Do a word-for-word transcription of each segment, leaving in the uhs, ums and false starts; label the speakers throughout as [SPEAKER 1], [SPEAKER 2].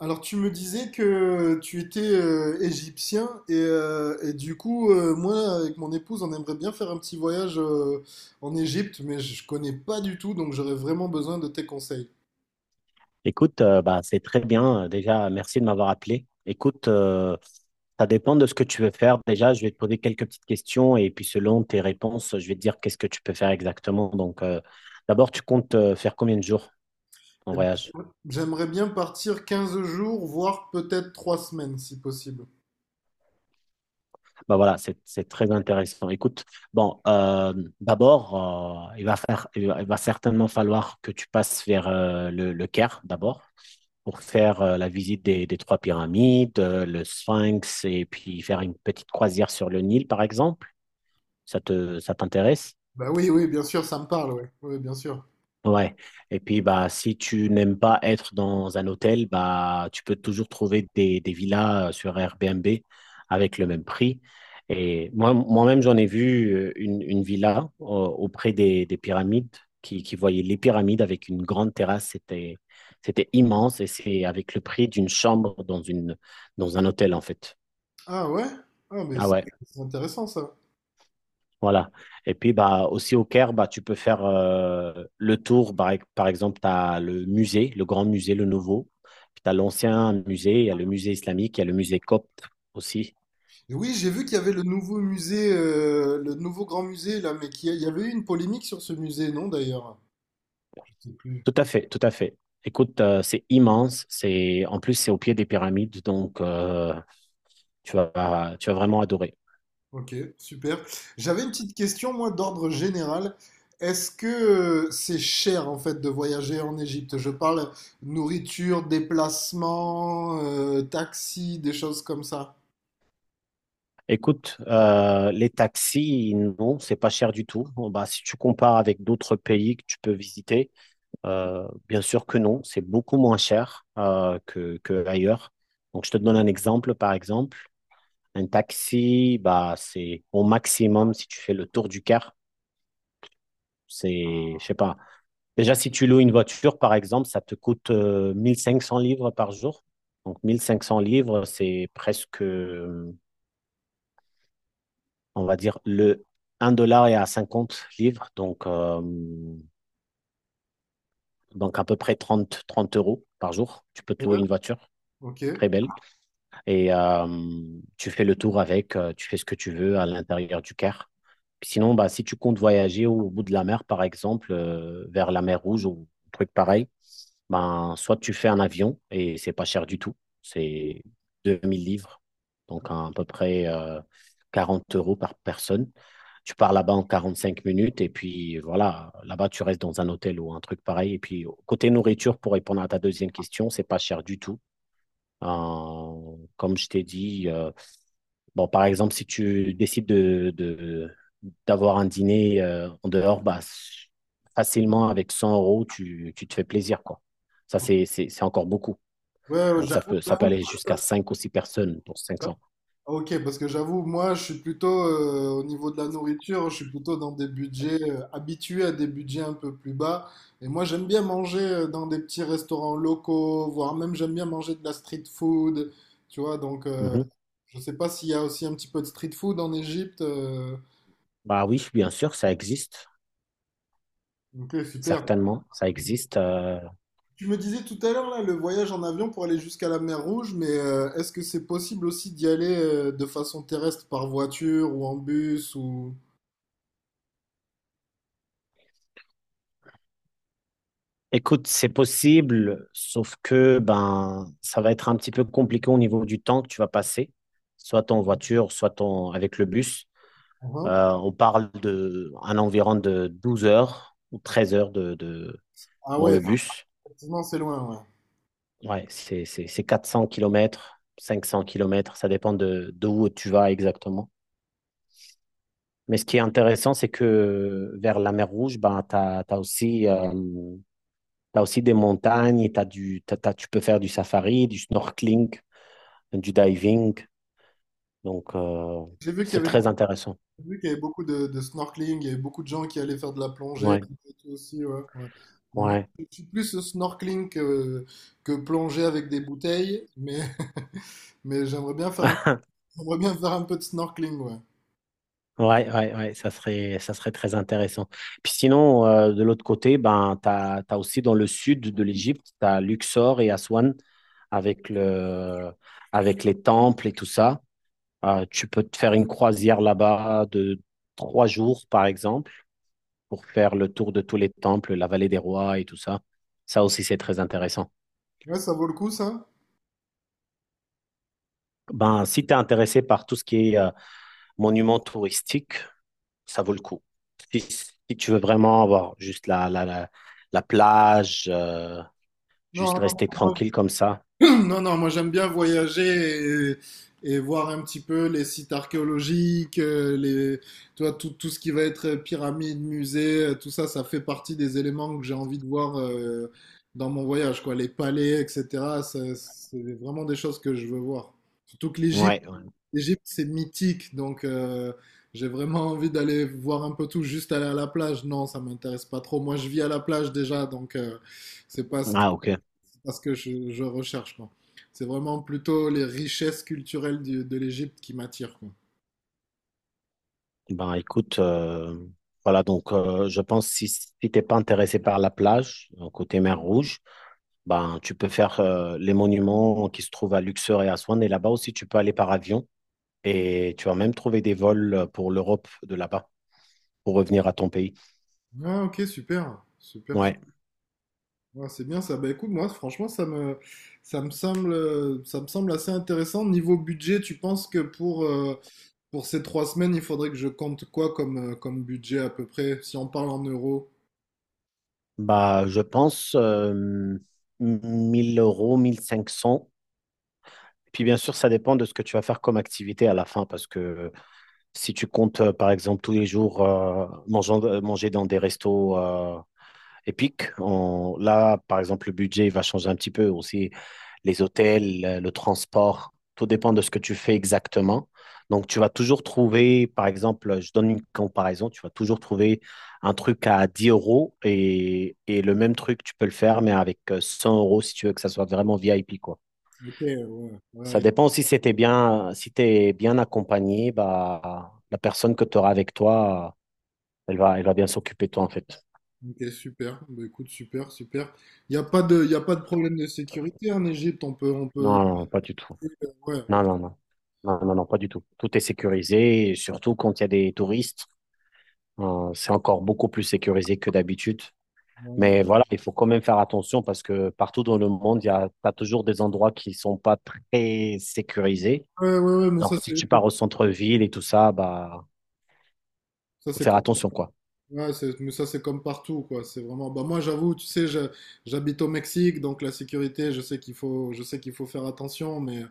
[SPEAKER 1] Alors tu me disais que tu étais euh, égyptien et, euh, et du coup euh, moi avec mon épouse on aimerait bien faire un petit voyage euh, en Égypte mais je je connais pas du tout donc j'aurais vraiment besoin de tes conseils.
[SPEAKER 2] Écoute, euh, bah, c'est très bien. Déjà, merci de m'avoir appelé. Écoute, euh, ça dépend de ce que tu veux faire. Déjà, je vais te poser quelques petites questions et puis selon tes réponses, je vais te dire qu'est-ce que tu peux faire exactement. Donc, euh, d'abord, tu comptes euh, faire combien de jours en
[SPEAKER 1] Et ben,
[SPEAKER 2] voyage?
[SPEAKER 1] j'aimerais bien partir quinze jours voire peut-être trois semaines si possible.
[SPEAKER 2] Bah voilà, c'est c'est très intéressant. Écoute, bon, euh, d'abord, euh, il va faire, il va, il va certainement falloir que tu passes vers euh, le, le Caire d'abord. Pour faire euh, la visite des, des trois pyramides, euh, le Sphinx, et puis faire une petite croisière sur le Nil, par exemple. Ça te, ça t'intéresse?
[SPEAKER 1] Bah oui, oui, bien sûr, ça me parle, ouais. Oui, bien sûr.
[SPEAKER 2] Ouais. Et puis, bah, si tu n'aimes pas être dans un hôtel, bah, tu peux toujours trouver des, des villas euh, sur Airbnb avec le même prix. Et moi, moi-même, j'en ai vu euh, une, une villa euh, auprès des, des pyramides qui, qui voyait les pyramides avec une grande terrasse. C'était, c'était immense et c'est avec le prix d'une chambre dans une, dans un hôtel, en fait.
[SPEAKER 1] Ah ouais? Ah mais
[SPEAKER 2] Ah
[SPEAKER 1] c'est
[SPEAKER 2] ouais.
[SPEAKER 1] c'est intéressant ça.
[SPEAKER 2] Voilà. Et puis bah aussi au Caire, bah tu peux faire euh, le tour. Par, ex- par exemple, tu as le musée, le grand musée, le nouveau. Puis tu as l'ancien musée, il y a le musée islamique, il y a le musée copte aussi.
[SPEAKER 1] Et oui, j'ai vu qu'il y avait le nouveau musée euh, le nouveau grand musée là, mais qu'il y a- il y avait eu une polémique sur ce musée, non, d'ailleurs?
[SPEAKER 2] Tout à fait, tout à fait. Écoute, euh, c'est immense. C'est en plus c'est au pied des pyramides, donc euh, tu vas tu vas vraiment adorer.
[SPEAKER 1] Ok, super. J'avais une petite question, moi, d'ordre général. Est-ce que euh, c'est cher, en fait, de voyager en Égypte? Je parle nourriture, déplacement, euh, taxi, des choses comme ça.
[SPEAKER 2] Écoute, euh, les taxis, non, c'est pas cher du tout. Bon, bah, si tu compares avec d'autres pays que tu peux visiter, euh, bien sûr que non, c'est beaucoup moins cher euh, que, que ailleurs. Donc, je te donne un exemple, par exemple, un taxi, bah, c'est au maximum si tu fais le tour du Caire, c'est, je sais pas. Déjà, si tu loues une voiture, par exemple, ça te coûte euh, mille cinq cents livres par jour. Donc, mille cinq cents livres, c'est presque on va dire, le un dollar est à cinquante livres, donc, euh, donc à peu près trente trente euros par jour. Tu peux te
[SPEAKER 1] Ouais.
[SPEAKER 2] louer une voiture
[SPEAKER 1] Ok. Ouais,
[SPEAKER 2] très belle et euh, tu fais le tour avec, euh, tu fais ce que tu veux à l'intérieur du Caire. Puis sinon, bah, si tu comptes voyager au bout de la mer, par exemple, euh, vers la mer Rouge ou un truc pareil, ben, soit tu fais un avion et c'est pas cher du tout, c'est deux mille livres, donc à peu près euh, quarante euros par personne. Tu pars là-bas en quarante-cinq minutes et puis voilà, là-bas tu restes dans un hôtel ou un truc pareil. Et puis côté nourriture, pour répondre à ta deuxième question, c'est pas cher du tout. Euh, comme je t'ai dit, euh, bon, par exemple, si tu décides de, de- d'avoir un dîner euh, en dehors, bah, s- facilement avec cent euros, tu, tu te fais plaisir, quoi. Ça, c'est, c'est, c'est encore beaucoup.
[SPEAKER 1] ouais,
[SPEAKER 2] Donc, ça
[SPEAKER 1] j'avoue,
[SPEAKER 2] peut, ça peut
[SPEAKER 1] j'avoue.
[SPEAKER 2] aller jusqu'à cinq ou six personnes pour cinq cents.
[SPEAKER 1] Ok, parce que j'avoue, moi, je suis plutôt, euh, au niveau de la nourriture, je suis plutôt dans des budgets, euh, habitué à des budgets un peu plus bas. Et moi, j'aime bien manger euh, dans des petits restaurants locaux, voire même j'aime bien manger de la street food, tu vois, donc euh,
[SPEAKER 2] Mhm.
[SPEAKER 1] je sais pas s'il y a aussi un petit peu de street food en Égypte. euh,
[SPEAKER 2] Bah oui, bien sûr, ça existe.
[SPEAKER 1] Ok, super.
[SPEAKER 2] Certainement, ça existe. euh,
[SPEAKER 1] Tu me disais tout à l'heure là le voyage en avion pour aller jusqu'à la mer Rouge, mais euh, est-ce que c'est possible aussi d'y aller euh, de façon terrestre par voiture ou en bus ou
[SPEAKER 2] Écoute, c'est possible, sauf que ben ça va être un petit peu compliqué au niveau du temps que tu vas passer, soit en voiture, soit en- avec le bus.
[SPEAKER 1] en.
[SPEAKER 2] Euh, on parle de un environ de douze heures ou treize heures de, de-
[SPEAKER 1] Ah
[SPEAKER 2] dans
[SPEAKER 1] ouais,
[SPEAKER 2] le bus.
[SPEAKER 1] effectivement, c'est loin, ouais.
[SPEAKER 2] Ouais, c'est c'est- c'est quatre cents kilomètres, cinq cents kilomètres, ça dépend de, de où tu vas exactement. Mais ce qui est intéressant, c'est que vers la mer Rouge, ben, tu as, aussi, euh, t'as aussi des montagnes, et t'as du, t'as- t'as- tu peux faire du safari, du snorkeling. Du diving. Donc, euh,
[SPEAKER 1] J'ai vu qu'il
[SPEAKER 2] c'est
[SPEAKER 1] y avait
[SPEAKER 2] très
[SPEAKER 1] beaucoup,
[SPEAKER 2] intéressant.
[SPEAKER 1] j'ai vu qu'il y avait beaucoup de, de snorkeling, il y avait beaucoup de gens qui allaient faire de la plongée et
[SPEAKER 2] Ouais,
[SPEAKER 1] tout aussi, ouais, ouais. Bon, moi,
[SPEAKER 2] ouais.
[SPEAKER 1] je suis plus snorkeling que, que plongée avec des bouteilles, mais, mais j'aimerais bien faire. J'aimerais bien faire un peu de snorkeling, ouais.
[SPEAKER 2] Ouais, ouais, ouais, ça serait, ça serait très intéressant. Puis sinon, euh, de l'autre côté, ben, tu as aussi dans le sud de l'Égypte, tu as Luxor et Aswan avec le, avec les temples et tout ça. Euh, tu peux te faire une croisière là-bas de trois jours, par exemple, pour faire le tour de tous les temples, la vallée des rois et tout ça. Ça aussi, c'est très intéressant.
[SPEAKER 1] Ouais, ça vaut le coup, ça?
[SPEAKER 2] Ben, si tu es intéressé par tout ce qui est euh, monuments touristiques, ça vaut le coup. Si, si tu veux vraiment avoir juste la, la, la, la plage, euh,
[SPEAKER 1] Non,
[SPEAKER 2] juste rester
[SPEAKER 1] non,
[SPEAKER 2] tranquille comme ça.
[SPEAKER 1] non, non, non, moi j'aime bien voyager et, et voir un petit peu les sites archéologiques, euh, les, tu vois, tout, tout ce qui va être pyramide, musée, euh, tout ça, ça fait partie des éléments que j'ai envie de voir euh, dans mon voyage, quoi. Les palais, et cetera ça- C'est vraiment des choses que je veux voir. Surtout que l'Égypte,
[SPEAKER 2] Ouais. Ouais.
[SPEAKER 1] l'Égypte, c'est mythique, donc euh, j'ai vraiment envie d'aller voir un peu tout, juste aller à la plage. Non, ça m'intéresse pas trop. Moi, je vis à la plage déjà, donc euh, c'est pas ce que,
[SPEAKER 2] Ah, ok.
[SPEAKER 1] c'est pas ce que je, je recherche, quoi. C'est vraiment plutôt les richesses culturelles du- de l'Égypte qui m'attirent, quoi.
[SPEAKER 2] Ben, écoute, euh, voilà, donc euh, je pense si, si tu n'es pas intéressé par la plage, euh, côté mer Rouge, ben, tu peux faire euh, les monuments qui se trouvent à Luxor et à Swan. Et là-bas aussi, tu peux aller par avion et tu vas même trouver des vols euh, pour l'Europe de là-bas pour revenir à ton pays.
[SPEAKER 1] Ah, ok, super, super, super.
[SPEAKER 2] Ouais.
[SPEAKER 1] Ouais, c'est bien ça. Bah écoute, moi, franchement, ça me, ça me semble, euh, ça me semble assez intéressant. Niveau budget, tu penses que pour, euh, pour ces trois semaines, il faudrait que je compte quoi comme, euh, comme budget à peu près, si on parle en euros?
[SPEAKER 2] Bah, je pense euh, mille euros, mille cinq cents. Puis bien sûr, ça dépend de ce que tu vas faire comme activité à la fin, parce que si tu comptes, euh, par exemple, tous les jours euh, mangeant- euh, manger dans des restos euh, épique. On- là, par exemple, le budget il va changer un petit peu aussi. Les hôtels, euh, le transport, tout dépend de ce que tu fais exactement. Donc, tu vas toujours trouver, par exemple, je donne une comparaison, tu vas toujours trouver un truc à dix euros et, et le même truc, tu peux le faire, mais avec euh, cent euros si tu veux que ça soit vraiment V I P, quoi.
[SPEAKER 1] Ok, ouais,
[SPEAKER 2] Ça
[SPEAKER 1] ouais,
[SPEAKER 2] dépend si c'était bien, si t'es bien accompagné, bah, la personne que tu auras avec toi, elle va, elle va bien s'occuper de toi, en fait.
[SPEAKER 1] ok, super. Bah, écoute, super, super. Il n'y a pas de, il a pas de problème de sécurité en Égypte. On peut, on peut.
[SPEAKER 2] Non, non, pas du tout.
[SPEAKER 1] Ouais,
[SPEAKER 2] Non, non, non. Non, non, non, pas du tout. Tout est sécurisé, et surtout quand il y a des touristes. Euh, c'est encore beaucoup plus sécurisé que d'habitude.
[SPEAKER 1] ouais,
[SPEAKER 2] Mais voilà, il faut quand même faire attention parce que partout dans le monde, il y a, t'as toujours des endroits qui sont pas très sécurisés.
[SPEAKER 1] ouais, ouais, mais ça,
[SPEAKER 2] Alors, si
[SPEAKER 1] c'est
[SPEAKER 2] tu pars au centre-ville et tout ça, bah,
[SPEAKER 1] ça,
[SPEAKER 2] faut
[SPEAKER 1] c'est
[SPEAKER 2] faire
[SPEAKER 1] comme,
[SPEAKER 2] attention, quoi.
[SPEAKER 1] ouais, c'est- mais ça, c'est comme partout, quoi. C'est vraiment. Bah, moi, j'avoue, tu sais, je- j'habite au Mexique, donc la sécurité, je sais qu'il faut, je sais qu'il faut faire attention, mais,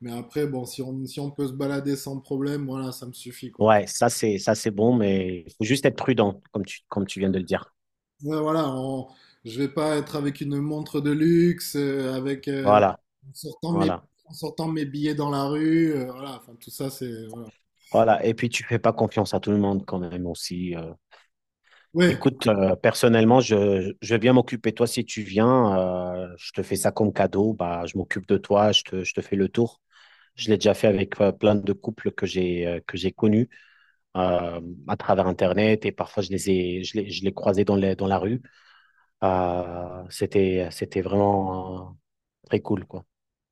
[SPEAKER 1] mais après, bon, si on, si on peut se balader sans problème, voilà, ça me suffit, quoi.
[SPEAKER 2] Ouais, ça, c'est, ça, c'est bon, mais il faut juste être prudent, comme tu, comme tu viens de le dire.
[SPEAKER 1] Ouais, voilà, on- je vais pas être avec une montre de luxe, euh, avec. Euh,
[SPEAKER 2] Voilà,
[SPEAKER 1] en sortant mes,
[SPEAKER 2] voilà,
[SPEAKER 1] en sortant mes billets dans la rue, euh, voilà, enfin tout ça c'est voilà.
[SPEAKER 2] voilà. Et puis, tu fais pas confiance à tout le monde quand même aussi. euh,
[SPEAKER 1] Ouais,
[SPEAKER 2] Écoute, euh, personnellement, je, je vais bien m'occuper de toi si tu viens. Euh, je te fais ça comme cadeau. Bah, je m'occupe de toi, je te, je te fais le tour. Je l'ai déjà fait avec euh, plein de couples que j'ai euh, que j'ai connus euh, à travers Internet et parfois je les ai, je les, je les croisais dans les, dans la rue. Euh, c'était, c'était vraiment euh, très cool, quoi.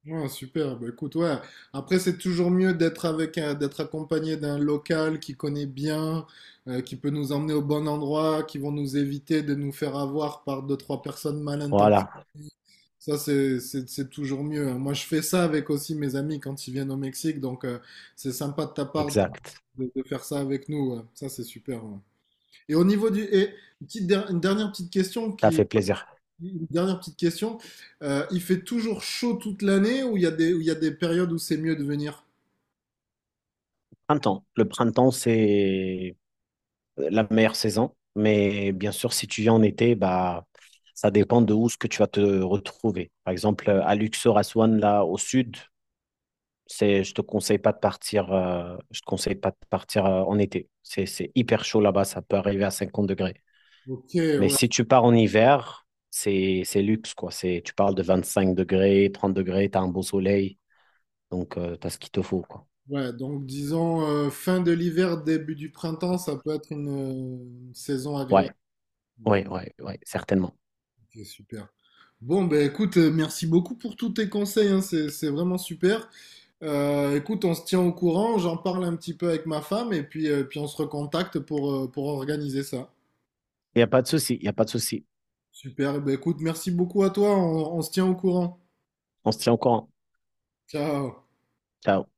[SPEAKER 1] ouais, super. Bah, écoute, ouais. Après, c'est toujours mieux d'être avec, un- d'être accompagné d'un local qui connaît bien, euh, qui peut nous emmener au bon endroit, qui vont nous éviter de nous faire avoir par deux, trois personnes mal intentionnées.
[SPEAKER 2] Voilà,
[SPEAKER 1] Ça, c'est c'est- c'est toujours mieux, hein. Moi, je fais ça avec aussi mes amis quand ils viennent au Mexique. Donc, euh, c'est sympa de ta part
[SPEAKER 2] exact.
[SPEAKER 1] de, de- de faire ça avec nous, ouais. Ça, c'est super, ouais. Et au niveau du... Et une petite der- une dernière petite question
[SPEAKER 2] Ça
[SPEAKER 1] qui,
[SPEAKER 2] fait plaisir.
[SPEAKER 1] une dernière petite question. Euh, il fait toujours chaud toute l'année ou il y a des, ou il y a des périodes où c'est mieux de venir?
[SPEAKER 2] Printemps. Le printemps, c'est euh, la meilleure saison. Mais bien sûr, si tu viens en été, bah, ça dépend de où ce que tu vas te retrouver. Par exemple, euh, à Luxor, à Swan, là, au sud, c'est, je te conseille pas de partir, euh, je te conseille pas de partir euh, en été. C'est, c'est hyper chaud là-bas, ça peut arriver à cinquante degrés.
[SPEAKER 1] Ok,
[SPEAKER 2] Mais
[SPEAKER 1] ouais.
[SPEAKER 2] si tu pars en hiver, c'est, c'est luxe, quoi. C'est, tu parles de vingt-cinq degrés, trente degrés, tu as un beau soleil, donc tu as ce qu'il te faut, quoi.
[SPEAKER 1] Ouais, donc disons euh, fin de l'hiver, début du printemps, ça peut être une, euh, une saison agréable.
[SPEAKER 2] Ouais, ouais, ouais, ouais, certainement.
[SPEAKER 1] Ok, super. Bon, ben écoute, euh, merci beaucoup pour tous tes conseils, hein, c'est, c'est vraiment super. Euh, écoute, on se tient au courant, j'en parle un petit peu avec ma femme et puis, euh, puis on se recontacte pour, euh, pour organiser ça.
[SPEAKER 2] Il n'y a pas de souci, il n'y a pas de souci.
[SPEAKER 1] Super, eh ben écoute, merci beaucoup à toi, on on se tient au courant.
[SPEAKER 2] On se tient au courant.
[SPEAKER 1] Ciao.
[SPEAKER 2] Ciao.